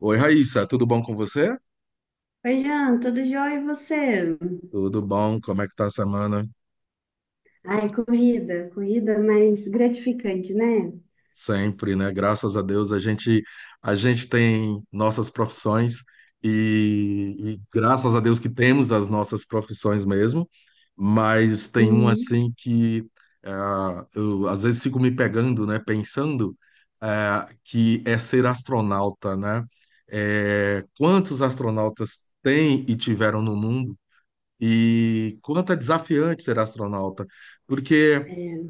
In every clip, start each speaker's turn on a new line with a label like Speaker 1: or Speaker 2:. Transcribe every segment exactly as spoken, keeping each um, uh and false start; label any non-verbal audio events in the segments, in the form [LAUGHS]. Speaker 1: Oi, Raíssa, tudo bom com você?
Speaker 2: Oi, Jean, tudo jóia e você?
Speaker 1: Tudo bom? Como é que tá a semana?
Speaker 2: Ai, corrida, corrida mais gratificante, né?
Speaker 1: Sempre, né? Graças a Deus a gente a gente tem nossas profissões e, e graças a Deus que temos as nossas profissões mesmo, mas tem um
Speaker 2: Sim.
Speaker 1: assim que ah, eu às vezes fico me pegando, né? Pensando ah, que é ser astronauta, né? É, quantos astronautas tem e tiveram no mundo? E quanto é desafiante ser astronauta, porque
Speaker 2: É,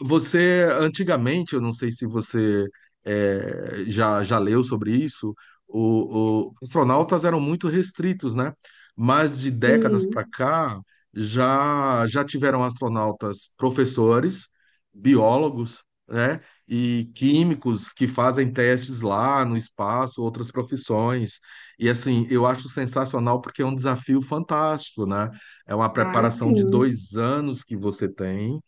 Speaker 1: você, antigamente, eu não sei se você eh, já, já leu sobre isso, o, o- os astronautas eram muito restritos, né? Mas de décadas para
Speaker 2: sim,
Speaker 1: cá, já, já tiveram astronautas professores, biólogos, né? E químicos que fazem testes lá no espaço, outras profissões. E assim, eu acho sensacional porque é um desafio fantástico, né? É uma
Speaker 2: ah,
Speaker 1: preparação de
Speaker 2: sim.
Speaker 1: dois anos que você tem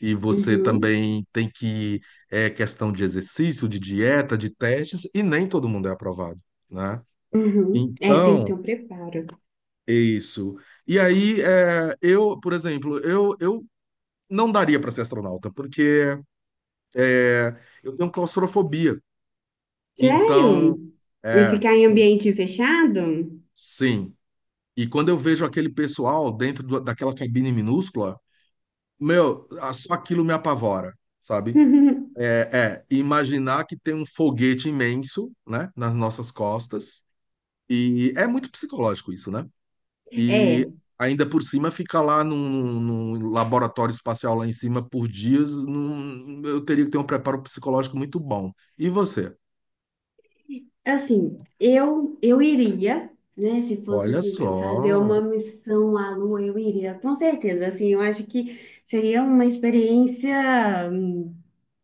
Speaker 1: e você
Speaker 2: Uhum,
Speaker 1: também tem que, é questão de exercício, de dieta, de testes, e nem todo mundo é aprovado, né?
Speaker 2: uhum. É, tem que ter
Speaker 1: Então,
Speaker 2: um preparo.
Speaker 1: é isso. E aí, é, eu, por exemplo, eu, eu não daria para ser astronauta, porque é, eu tenho claustrofobia.
Speaker 2: Sério?
Speaker 1: Então,
Speaker 2: E
Speaker 1: é,
Speaker 2: ficar em ambiente fechado?
Speaker 1: sim. E quando eu vejo aquele pessoal dentro do- daquela cabine minúscula, meu, a- só aquilo me apavora, sabe?
Speaker 2: [LAUGHS]
Speaker 1: É, é, imaginar que tem um foguete imenso, né, nas nossas costas, e é muito psicológico isso, né?
Speaker 2: É,
Speaker 1: E ainda por cima fica lá num, num- laboratório espacial lá em cima por dias, num- eu teria que ter um preparo psicológico muito bom. E você?
Speaker 2: assim, eu eu iria, né? Se fosse
Speaker 1: Olha
Speaker 2: assim para eu fazer
Speaker 1: só.
Speaker 2: uma missão à Lua, eu iria, com certeza. Assim, eu acho que seria uma experiência. hum,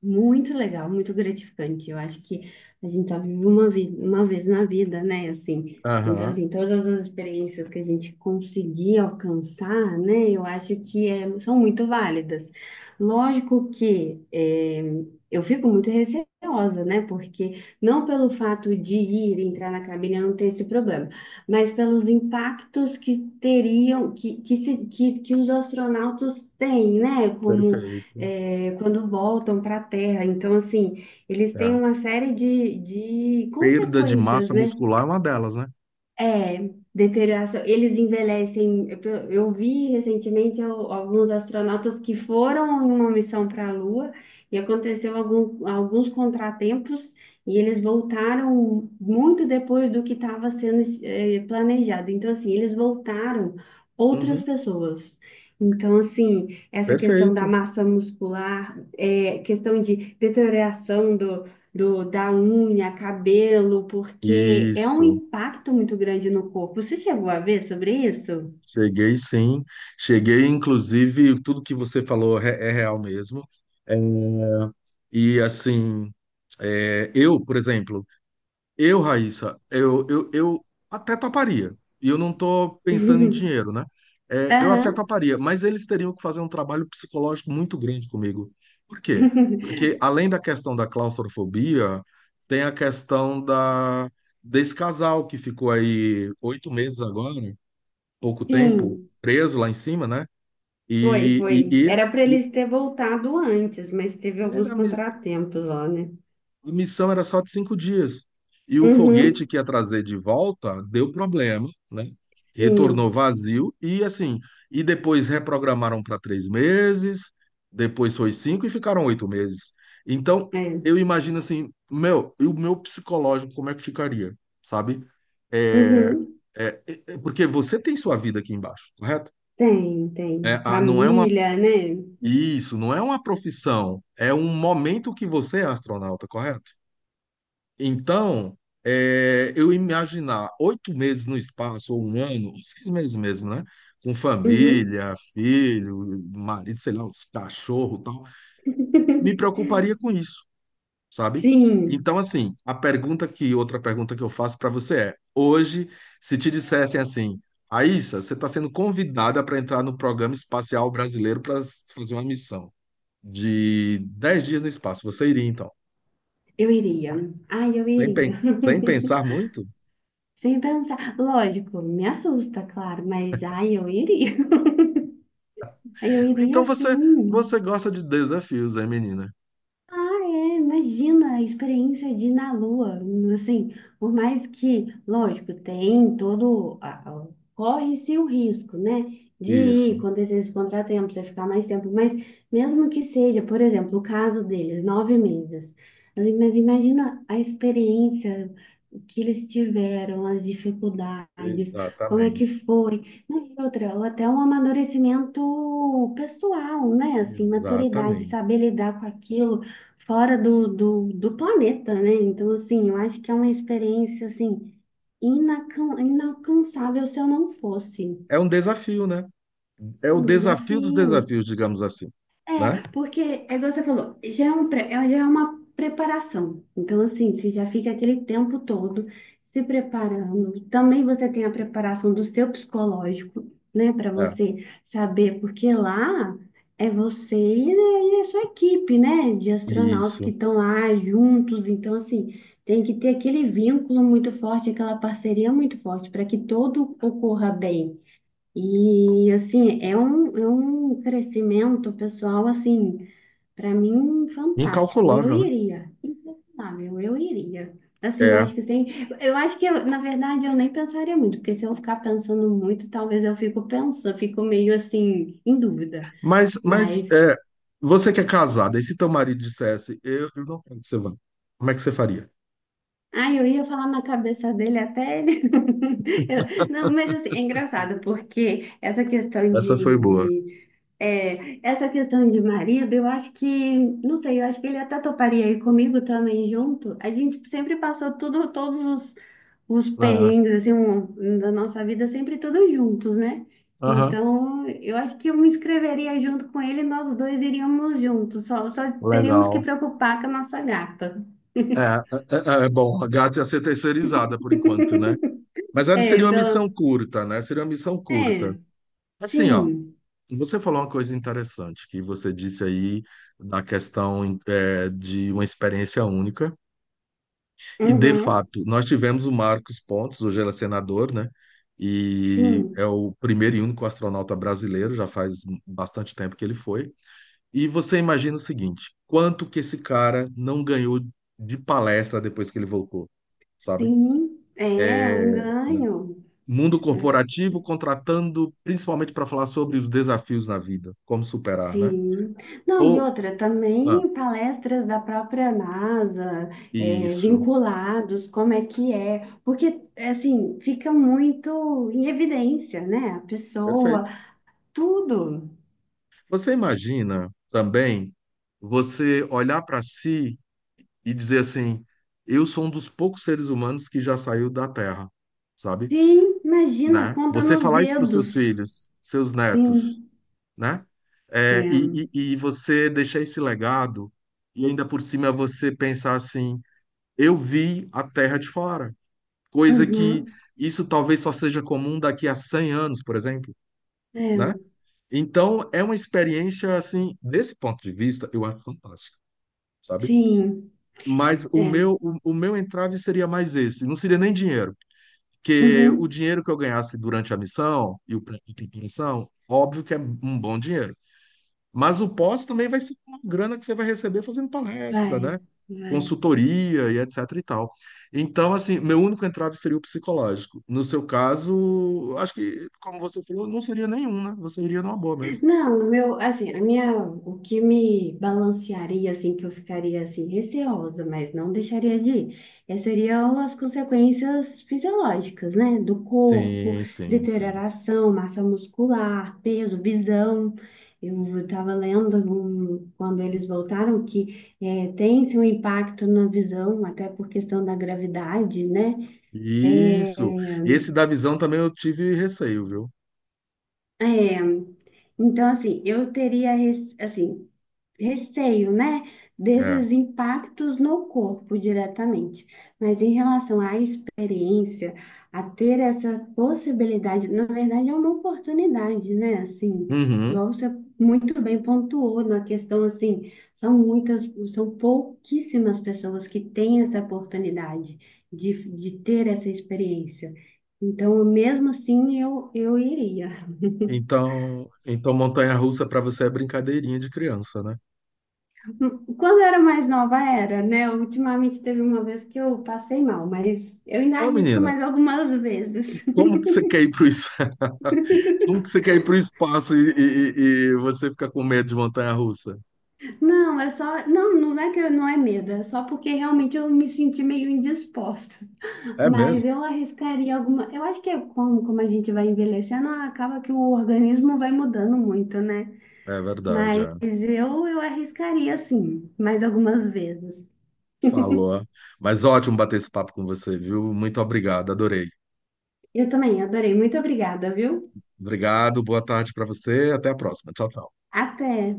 Speaker 2: Muito legal, muito gratificante. Eu acho que a gente só vive uma, vi uma vez na vida, né? Assim, então,
Speaker 1: Aham,
Speaker 2: assim, todas as experiências que a gente conseguir alcançar, né? Eu acho que é, são muito válidas. Lógico que é, eu fico muito receosa, né? Porque não pelo fato de ir entrar na cabine eu não ter esse problema, mas pelos impactos que teriam, que, que, se, que, que os astronautas têm, né? Como
Speaker 1: perfeito.
Speaker 2: é, quando voltam para a Terra. Então, assim, eles têm
Speaker 1: É.
Speaker 2: uma série de, de
Speaker 1: Perda de
Speaker 2: consequências,
Speaker 1: massa
Speaker 2: né?
Speaker 1: muscular é uma delas, né?
Speaker 2: É, deterioração. Eles envelhecem. Eu eu vi recentemente al- alguns astronautas que foram em uma missão para a Lua e aconteceu algum- alguns contratempos e eles voltaram muito depois do que estava sendo eh, planejado. Então, assim, eles voltaram outras
Speaker 1: Uhum,
Speaker 2: pessoas. Então, assim, essa questão da
Speaker 1: perfeito.
Speaker 2: massa muscular, é, questão de deterioração do, da unha, cabelo, porque é um
Speaker 1: Isso.
Speaker 2: impacto muito grande no corpo. Você chegou a ver sobre isso?
Speaker 1: Cheguei sim, cheguei inclusive, tudo que você falou é, é real mesmo. É, e assim, é, eu, por exemplo, eu, Raíssa, eu, eu, eu até toparia. E eu não estou pensando em
Speaker 2: [LAUGHS]
Speaker 1: dinheiro, né? É, eu até
Speaker 2: Aham,
Speaker 1: toparia, mas eles teriam que fazer um trabalho psicológico muito grande comigo. Por quê? Porque além da questão da claustrofobia, tem a questão da, desse casal que ficou aí oito meses agora, pouco tempo,
Speaker 2: sim,
Speaker 1: preso lá em cima, né?
Speaker 2: foi,
Speaker 1: E,
Speaker 2: foi.
Speaker 1: e,
Speaker 2: Era para
Speaker 1: e,
Speaker 2: eles ter voltado antes, mas teve
Speaker 1: e
Speaker 2: alguns
Speaker 1: era, a mi-
Speaker 2: contratempos, ó, né?
Speaker 1: a missão era só de cinco dias. E o foguete
Speaker 2: Uhum,
Speaker 1: que ia trazer de volta deu problema, né? Retornou
Speaker 2: sim,
Speaker 1: vazio e assim. E depois reprogramaram para três meses, depois foi cinco e ficaram oito meses. Então,
Speaker 2: é.
Speaker 1: eu imagino assim, meu, e o meu psicológico, como é que ficaria, sabe? É,
Speaker 2: Uhum,
Speaker 1: é, é- é porque você tem sua vida aqui embaixo, correto?
Speaker 2: tem,
Speaker 1: É,
Speaker 2: tem.
Speaker 1: a- não é uma
Speaker 2: Família, né?
Speaker 1: Isso não é uma profissão, é um momento que você é astronauta, correto? Então, é, eu imaginar oito meses no espaço, ou um ano, ou seis meses mesmo, né? Com
Speaker 2: Uhum.
Speaker 1: família, filho, marido, sei lá, os cachorro e tal, me preocuparia com
Speaker 2: [LAUGHS]
Speaker 1: isso, sabe?
Speaker 2: Sim,
Speaker 1: Então, assim, a pergunta que, outra pergunta que eu faço para você é: hoje, se te dissessem assim, Aissa, você está sendo convidada para entrar no programa espacial brasileiro para fazer uma missão de dez dias no espaço. Você iria, então?
Speaker 2: eu iria. Ai, eu
Speaker 1: Sem,
Speaker 2: iria.
Speaker 1: pen- sem
Speaker 2: [LAUGHS]
Speaker 1: pensar muito?
Speaker 2: Sem pensar. Lógico, me assusta, claro, mas ai, eu iria. [LAUGHS] Eu
Speaker 1: Então
Speaker 2: iria
Speaker 1: você,
Speaker 2: sim.
Speaker 1: você gosta de desafios, é, menina?
Speaker 2: Ah, é, imagina a experiência de ir na Lua, assim, por mais que, lógico, tem todo, a- a- corre-se o risco, né, de ir,
Speaker 1: Isso,
Speaker 2: acontecer esse contratempo, você ficar mais tempo, mas mesmo que seja, por exemplo, o caso deles, nove meses. Assim, mas imagina a experiência que eles tiveram, as dificuldades, como é
Speaker 1: exatamente.
Speaker 2: que foi, não, e outra, ou até um amadurecimento pessoal, né, assim, maturidade,
Speaker 1: Exatamente.
Speaker 2: saber lidar com aquilo, fora do, do, do planeta, né? Então, assim, eu acho que é uma experiência, assim, inacan- inalcançável se eu não fosse.
Speaker 1: É um desafio, né? É
Speaker 2: É
Speaker 1: o
Speaker 2: um
Speaker 1: desafio dos
Speaker 2: desafio.
Speaker 1: desafios, digamos assim, né?
Speaker 2: É, porque, é igual você falou, já é, um, pré- é- já é uma preparação. Então, assim, você já fica aquele tempo todo se preparando. Também você tem a preparação do seu psicológico, né, para
Speaker 1: É,
Speaker 2: você saber, porque lá é você e, e a sua equipe, né, de astronautas que
Speaker 1: isso.
Speaker 2: estão lá juntos. Então, assim, tem que ter aquele vínculo muito forte, aquela parceria muito forte, para que tudo ocorra bem. E assim, é um, é um crescimento pessoal, assim, para mim, fantástico. Eu
Speaker 1: Incalculável, né?
Speaker 2: iria, impensável, eu iria. Assim, eu
Speaker 1: É.
Speaker 2: acho que sem, eu acho que eu, na verdade eu nem pensaria muito, porque se eu ficar pensando muito, talvez eu fico pensando, fico meio assim em dúvida.
Speaker 1: Mas, mas
Speaker 2: Mas
Speaker 1: é, você que é casada, e se teu marido dissesse, eu, eu não quero que você vá, como é que você faria?
Speaker 2: ai, eu ia falar na cabeça dele até ele. [LAUGHS] Eu- não, mas assim, é engraçado, porque essa questão
Speaker 1: Essa foi boa.
Speaker 2: de É, essa questão de marido, eu acho que, não sei, eu acho que ele até toparia aí comigo também junto. A gente sempre passou tudo, todos os, os
Speaker 1: É.
Speaker 2: perrengues, assim, um- um da nossa vida, sempre todos juntos, né?
Speaker 1: Aham,
Speaker 2: Então, eu acho que eu me inscreveria junto com ele e nós dois iríamos juntos, só, só teríamos que
Speaker 1: legal.
Speaker 2: preocupar com a nossa gata.
Speaker 1: É,
Speaker 2: [LAUGHS]
Speaker 1: é, é, é, bom, a gata ia ser terceirizada por enquanto, né? Mas ela
Speaker 2: É,
Speaker 1: seria uma missão
Speaker 2: pelo...
Speaker 1: curta, né? Seria uma missão curta.
Speaker 2: É,
Speaker 1: Assim, ó,
Speaker 2: sim.
Speaker 1: você falou uma coisa interessante que você disse aí da questão é, de uma experiência única. E, de
Speaker 2: Uhum.
Speaker 1: fato, nós tivemos o Marcos Pontes, hoje ele é senador, né? E é
Speaker 2: Sim,
Speaker 1: o primeiro e único astronauta brasileiro, já faz bastante tempo que ele foi. E você imagina o seguinte: quanto que esse cara não ganhou de palestra depois que ele voltou? Sabe?
Speaker 2: sim, é um
Speaker 1: É, né?
Speaker 2: ganho.
Speaker 1: Mundo corporativo contratando principalmente para falar sobre os desafios na vida, como superar, né?
Speaker 2: Sim. Não, e
Speaker 1: Ou,
Speaker 2: outra,
Speaker 1: ah,
Speaker 2: também palestras da própria NASA, é,
Speaker 1: isso,
Speaker 2: vinculados, como é que é, porque, assim, fica muito em evidência, né? A pessoa,
Speaker 1: perfeito.
Speaker 2: tudo.
Speaker 1: Você imagina também você olhar para si e dizer assim: eu sou um dos poucos seres humanos que já saiu da Terra, sabe?
Speaker 2: Sim, imagina,
Speaker 1: Né?
Speaker 2: conta
Speaker 1: Você
Speaker 2: nos
Speaker 1: falar isso para os seus
Speaker 2: dedos.
Speaker 1: filhos, seus netos,
Speaker 2: Sim,
Speaker 1: né? É,
Speaker 2: é.
Speaker 1: e, e, e você deixar esse legado, e ainda por cima você pensar assim. Eu vi a terra de fora, coisa que
Speaker 2: Uhum,
Speaker 1: isso talvez só seja comum daqui a cem anos, por exemplo, né?
Speaker 2: é.
Speaker 1: Então, é uma experiência, assim, desse ponto de vista, eu acho fantástico, sabe?
Speaker 2: Sim,
Speaker 1: Mas o
Speaker 2: é.
Speaker 1: meu, o, o meu entrave seria mais esse, não seria nem dinheiro, porque o
Speaker 2: Uhum,
Speaker 1: dinheiro que eu ganhasse durante a missão e o pré- e preparação, óbvio que é um bom dinheiro. Mas o pós também vai ser uma grana que você vai receber fazendo palestra, né?
Speaker 2: vai, vai.
Speaker 1: Consultoria e etc e tal. Então, assim, meu único entrave seria o psicológico. No seu caso, acho que, como você falou, não seria nenhum, né? Você iria numa boa mesmo.
Speaker 2: Não, o meu, assim, a minha, o que me balancearia, assim, que eu ficaria, assim, receosa, mas não deixaria de ir, é, seriam as consequências fisiológicas, né? Do corpo,
Speaker 1: Sim, sim, sim.
Speaker 2: deterioração, massa muscular, peso, visão. Eu estava lendo um- quando eles voltaram que é, tem-se um impacto na visão, até por questão da gravidade, né?
Speaker 1: Isso.
Speaker 2: Eh,
Speaker 1: Esse da visão também eu tive receio, viu?
Speaker 2: É, então, assim, eu teria, res- assim, receio, né,
Speaker 1: É.
Speaker 2: desses impactos no corpo diretamente. Mas em relação à experiência, a ter essa possibilidade, na verdade é uma oportunidade, né? Assim,
Speaker 1: Uhum.
Speaker 2: igual você muito bem pontuou na questão assim, são muitas, são pouquíssimas pessoas que têm essa oportunidade de, de ter essa experiência. Então, mesmo assim, eu, eu iria.
Speaker 1: Então, então montanha-russa para você é brincadeirinha de criança, né?
Speaker 2: Quando eu era mais nova, era, né? Ultimamente teve uma vez que eu passei mal, mas eu ainda
Speaker 1: Ô,
Speaker 2: arrisco
Speaker 1: menina,
Speaker 2: mais algumas vezes.
Speaker 1: como que você quer ir pro isso? Como que você quer ir para o espaço e, e- e- e você fica com medo de montanha-russa?
Speaker 2: [LAUGHS] Não, é só. Não, não é que eu- não é medo, é só porque realmente eu me senti meio indisposta.
Speaker 1: É
Speaker 2: Mas
Speaker 1: mesmo?
Speaker 2: eu arriscaria alguma. Eu acho que é como, como a gente vai envelhecendo, acaba que o organismo vai mudando muito, né?
Speaker 1: É verdade,
Speaker 2: Mas
Speaker 1: é.
Speaker 2: eu, eu arriscaria sim, mais algumas vezes.
Speaker 1: Falou. Mas ótimo bater esse papo com você, viu? Muito obrigado, adorei.
Speaker 2: Eu também adorei. Muito obrigada, viu?
Speaker 1: Obrigado, boa tarde para você, até a próxima. Tchau, tchau.
Speaker 2: Até!